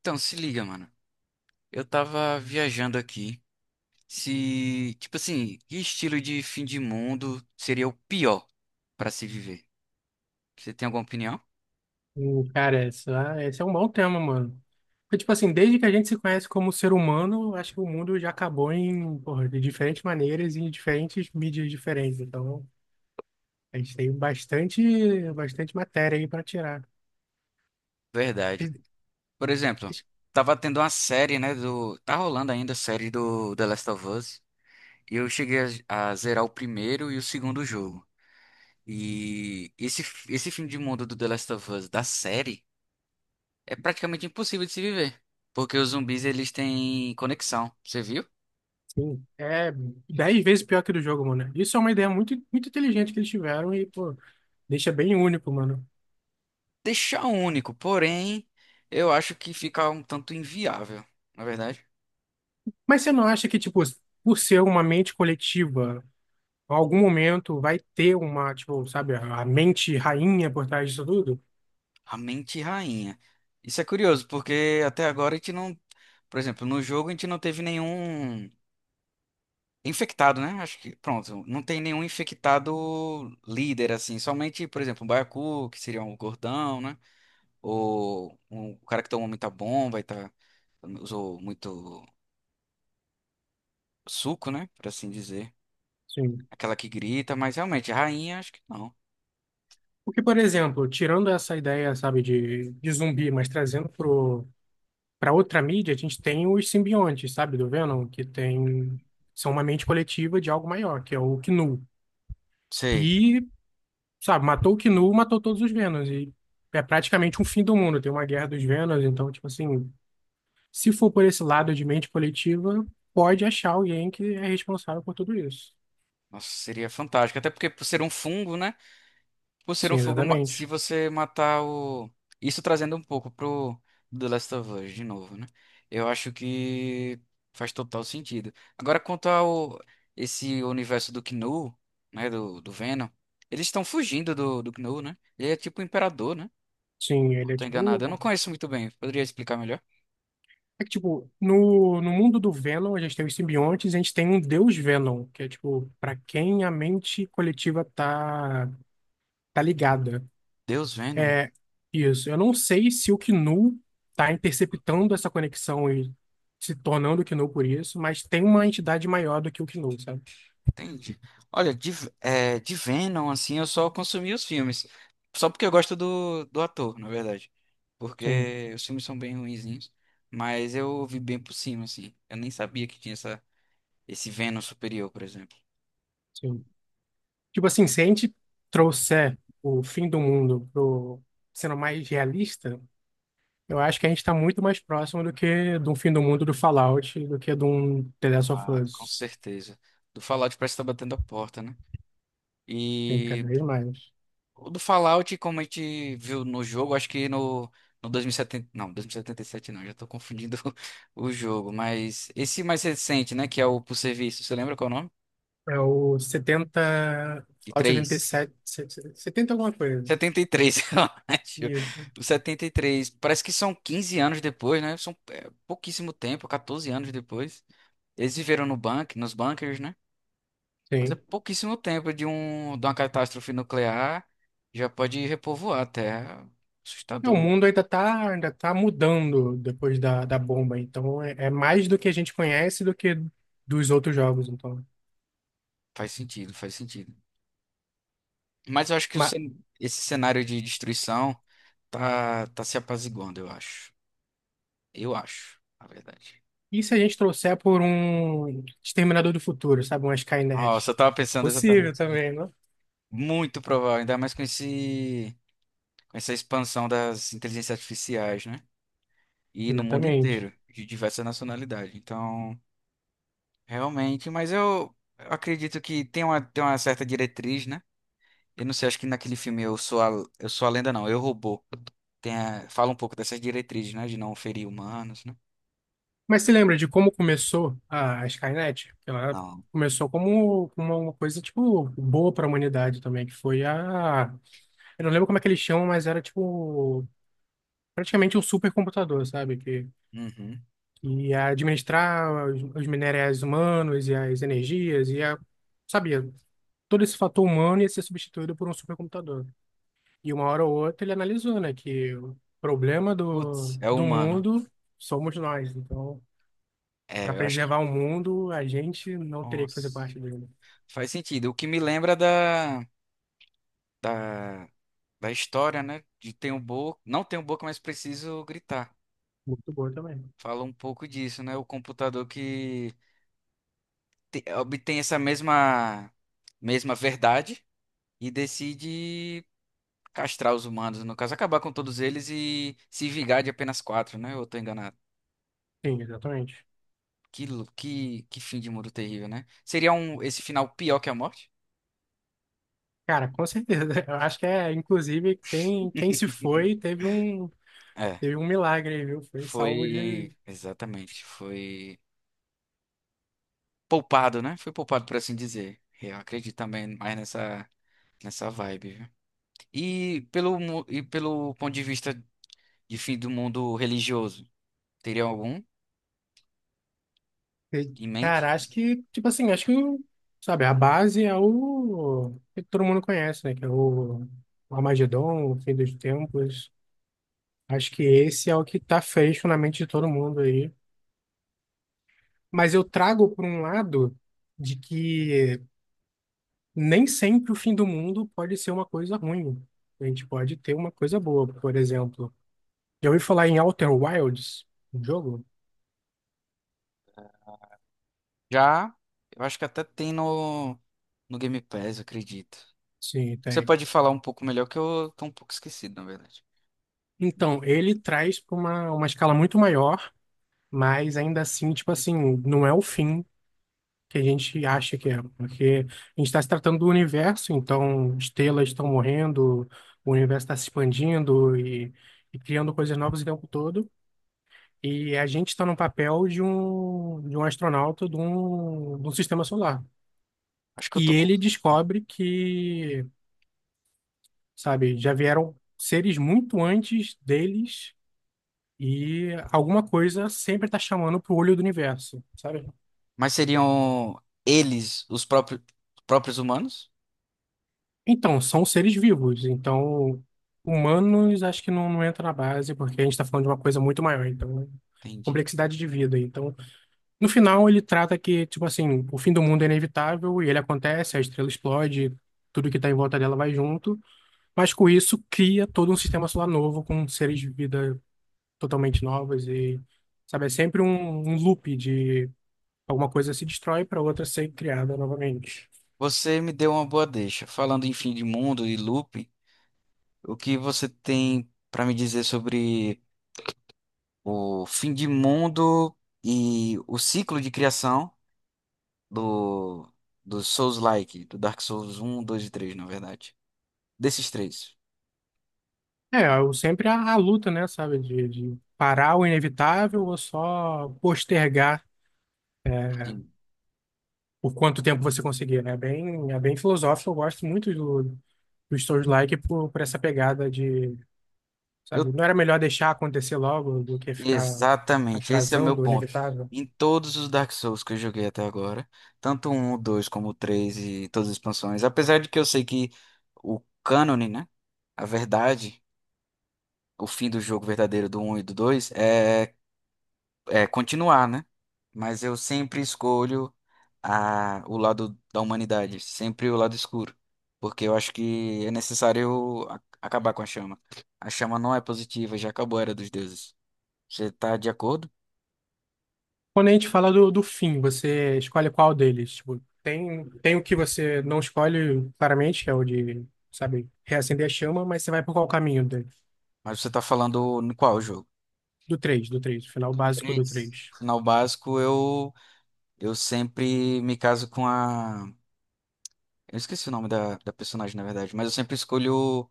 Então, se liga, mano. Eu tava viajando aqui. Se, tipo assim, que estilo de fim de mundo seria o pior pra se viver? Você tem alguma opinião? Cara, esse é um bom tema, mano. Porque, tipo assim, desde que a gente se conhece como ser humano, eu acho que o mundo já acabou porra, de diferentes maneiras e em diferentes mídias diferentes. Então, a gente tem bastante, bastante matéria aí pra tirar. Verdade. Mas, Por exemplo, tava tendo uma série, né, tá rolando ainda a série do The Last of Us, e eu cheguei a zerar o primeiro e o segundo jogo. E esse fim de mundo do The Last of Us da série é praticamente impossível de se viver, porque os zumbis eles têm conexão. Você viu? sim, é 10 vezes pior que do jogo, mano. Isso é uma ideia muito, muito inteligente que eles tiveram e, pô, deixa bem único, mano. Deixar único, porém, eu acho que fica um tanto inviável, na verdade. Mas você não acha que, tipo, por ser uma mente coletiva, em algum momento vai ter uma, tipo, sabe, a mente rainha por trás disso tudo? A mente rainha. Isso é curioso, porque até agora a gente não, por exemplo, no jogo a gente não teve nenhum infectado, né? Acho que, pronto, não tem nenhum infectado líder assim, somente, por exemplo, um baiacu, que seria um gordão, né? Ou um cara que tomou muita bomba e tá usou muito suco, né, por assim dizer. Sim. Aquela que grita, mas realmente a rainha acho que não. Porque, por exemplo, tirando essa ideia, sabe, de zumbi, mas trazendo pra outra mídia, a gente tem os simbiontes, sabe, do Venom, são uma mente coletiva de algo maior, que é o Knu. Sei. E, sabe, matou o Knu, matou todos os Venoms. E é praticamente um fim do mundo. Tem uma guerra dos Venoms, então, tipo assim, se for por esse lado de mente coletiva, pode achar alguém que é responsável por tudo isso. Nossa, seria fantástico. Até porque por ser um fungo, né? Por ser um Sim, fungo, se exatamente. você matar o. Isso trazendo um pouco pro The Last of Us de novo, né? Eu acho que faz total sentido. Agora, quanto ao esse universo do Knu, né? Do Venom, eles estão fugindo do Knu, né? Ele é tipo o imperador, né? Sim, ele Não é tô tipo. enganado. Eu não conheço muito bem. Poderia explicar melhor? É que, tipo, no mundo do Venom, a gente tem os simbiontes e a gente tem um deus Venom, que é, tipo, para quem a mente coletiva tá ligada. Deus Venom. Isso. Eu não sei se o Knu tá interceptando essa conexão e se tornando o Knu por isso, mas tem uma entidade maior do que o Knu, sabe? Entendi. Olha, de, é, de Venom, assim, eu só consumi os filmes. Só porque eu gosto do ator, na verdade. Sim, Porque os filmes são bem ruinzinhos. Mas eu ouvi bem por cima, assim. Eu nem sabia que tinha essa, esse Venom superior, por exemplo. sim. Tipo assim, se a gente trouxer o fim do mundo pro sendo mais realista. Eu acho que a gente está muito mais próximo do que de um fim do mundo do Fallout, do que de um The Last of Ah, com Us. certeza. Do Fallout parece que tá batendo a porta, né? Tem E cada vez mais. o do Fallout, como a gente viu no jogo, acho que no 2070. Não, 2077 não, já tô confundindo o jogo. Mas esse mais recente, né? Que é o por serviço, você lembra qual é o nome? É o 70, E Fallout setenta e três? sete, 70 alguma coisa. 73, eu acho. Isso. O 73 parece que são 15 anos depois, né? São é, pouquíssimo tempo, 14 anos depois. Eles viveram no bunker, nos bunkers, né? Mas é Sim. pouquíssimo tempo de, um, de uma catástrofe nuclear. Já pode repovoar a Terra. É, o Assustador. mundo ainda tá mudando depois da bomba, então é mais do que a gente conhece do que dos outros jogos, então. Faz sentido, faz sentido. Mas eu acho que o Mas esse cenário de destruição tá se apaziguando, eu acho. Eu acho, na verdade. e se a gente trouxer por um Exterminador do Futuro, sabe? Uma Nossa, Skynet? eu tava pensando Possível exatamente. também, não? Muito provável, ainda mais com esse, com essa expansão das inteligências artificiais, né? E no mundo Exatamente. inteiro, de diversas nacionalidades. Então, realmente, mas eu acredito que tem uma certa diretriz, né? Eu não sei, acho que naquele filme Eu Sou a Lenda, não, Eu Robô. Fala um pouco dessas diretrizes, né? De não ferir humanos, né? Mas você lembra de como começou a Skynet? Ela Não. começou como uma coisa, tipo, boa para a humanidade também, que foi a... Eu não lembro como é que eles chamam, mas era, tipo, praticamente um supercomputador, sabe? Que, Uhum. que ia administrar os minerais humanos e as energias, ia... Sabia, todo esse fator humano ia ser substituído por um supercomputador. E uma hora ou outra ele analisou, né, que o problema do, Putz, é do humano. mundo somos nós. Então... Para É, eu acho que. preservar o mundo, a gente não teria que fazer Nossa. parte dele. Faz sentido. O que me lembra da, da da história, né? De tem um boca, não tenho boca, mas preciso gritar. Muito boa também. Fala um pouco disso, né? O computador que obtém essa mesma verdade e decide castrar os humanos, no caso, acabar com todos eles e se vingar de apenas quatro, né? Ou eu tô enganado. Sim, exatamente. Que, que fim de mundo terrível, né? Seria um, esse final pior que a morte? Cara, com certeza. Eu acho que é, inclusive, quem se foi teve um, É, teve um milagre aí, viu? Foi salvo de. foi. Exatamente. Foi poupado, né? Foi poupado, por assim dizer. Eu acredito também mais nessa. Nessa vibe, viu? E pelo, e pelo ponto de vista de fim do mundo religioso, teria algum de- em mente? Cara, acho que, tipo assim, sabe, a base é o que todo mundo conhece, né? Que é o Armagedon, o fim dos tempos. Acho que esse é o que tá fecho na mente de todo mundo aí. Mas eu trago por um lado de que nem sempre o fim do mundo pode ser uma coisa ruim. A gente pode ter uma coisa boa, por exemplo. Já ouvi falar em Outer Wilds, um jogo? Já, eu acho que até tem no, no Game Pass, eu acredito. Sim, Você tem. pode falar um pouco melhor, que eu tô um pouco esquecido, na verdade. Então, ele traz para uma escala muito maior, mas ainda assim, tipo assim, não é o fim que a gente acha que é, porque a gente está se tratando do universo, então estrelas estão morrendo, o universo está se expandindo e criando coisas novas o tempo todo. E a gente está no papel de um astronauta de um sistema solar. Acho que eu E tô. Ele descobre que, sabe, já vieram seres muito antes deles e alguma coisa sempre está chamando pro olho do universo, sabe? Mas seriam eles, os próprios, próprios humanos? Então, são seres vivos. Então, humanos acho que não, não entra na base, porque a gente está falando de uma coisa muito maior. Então, Entendi. complexidade de vida. Então, no final, ele trata que, tipo assim, o fim do mundo é inevitável e ele acontece, a estrela explode, tudo que tá em volta dela vai junto, mas com isso cria todo um sistema solar novo, com seres de vida totalmente novas e, sabe, é sempre um loop de alguma coisa se destrói para outra ser criada novamente. Você me deu uma boa deixa. Falando em fim de mundo e looping, o que você tem pra me dizer sobre. O fim de mundo e o ciclo de criação do, do Souls-like, do Dark Souls um 2 e 3, na verdade. Desses três. É, eu sempre a, luta, né, sabe, de parar o inevitável ou só postergar é, Sim. por quanto tempo você conseguir, né? É bem filosófico, eu gosto muito do Souls-like por essa pegada de, Eu, sabe, não era melhor deixar acontecer logo do que ficar exatamente, esse é o meu atrasando o ponto. inevitável? Em todos os Dark Souls que eu joguei até agora, tanto o 1, o 2 como o 3 e todas as expansões, apesar de que eu sei que o cânone, né? A verdade, o fim do jogo verdadeiro do um e do dois é é, continuar, né? Mas eu sempre escolho a, o lado da humanidade, sempre o lado escuro, porque eu acho que é necessário acabar com a chama. A chama não é positiva, já acabou a Era dos Deuses. Você tá de acordo? Quando a gente fala do fim, você escolhe qual deles? Tipo, tem o que você não escolhe claramente, que é o de, sabe, reacender a chama, mas você vai por qual caminho dele? Mas você tá falando no qual jogo? Do três, o final básico do Três. 3, Final básico, eu sempre me caso com a. Eu esqueci o nome da personagem, na verdade, mas eu sempre escolho.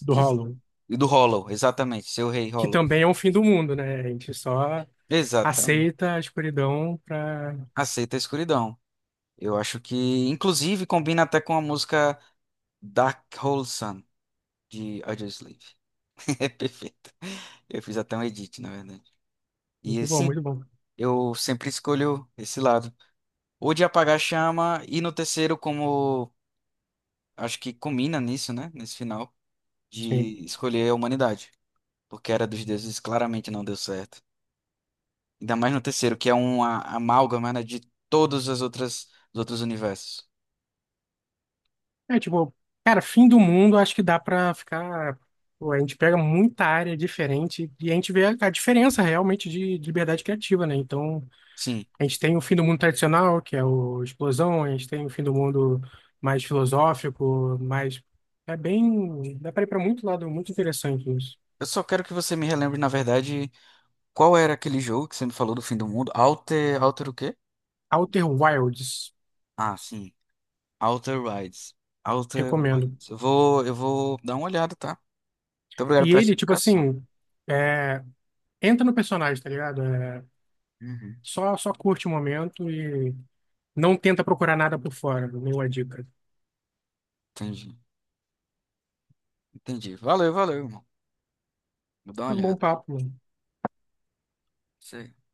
do Hollow. Do Hollow, exatamente, seu rei Que Hollow. também é um fim do mundo, né? A gente só Exatamente. aceita a escuridão para Aceita a escuridão. Eu acho que, inclusive, combina até com a música Dark Hole Sun, de Audioslave. É perfeito. Eu fiz até um edit, na verdade. E Muito bom, assim, muito bom. eu sempre escolho esse lado. Ou de apagar a chama, e no terceiro, como acho que combina nisso, né? Nesse final, Sim. de escolher a humanidade. Porque a Era dos Deuses claramente não deu certo. Ainda mais no terceiro, que é uma amálgama, né, de todos as outras, os outros universos. É, tipo, cara, fim do mundo, acho que dá pra ficar. Pô, a gente pega muita área diferente e a gente vê a diferença realmente de liberdade criativa, né? Então, Sim. a gente tem o fim do mundo tradicional, que é o Explosão, a gente tem o fim do mundo mais filosófico, mais. É bem. Dá pra ir pra muito lado, muito interessante isso. Eu só quero que você me relembre, na verdade. Qual era aquele jogo que você me falou do fim do mundo? Alter, Alter o quê? Outer Wilds, Ah, sim. Alter Rides. Alter recomendo. Rides. Eu vou dar uma olhada, tá? Muito obrigado E por essa ele, tipo indicação. assim, é, entra no personagem, tá ligado? É, Uhum. só curte o momento. Não tenta procurar nada por fora, nenhuma dica. Entendi. Entendi. Valeu, valeu, irmão. Vou dar uma Foi um bom olhada. papo, mano. Isso aí.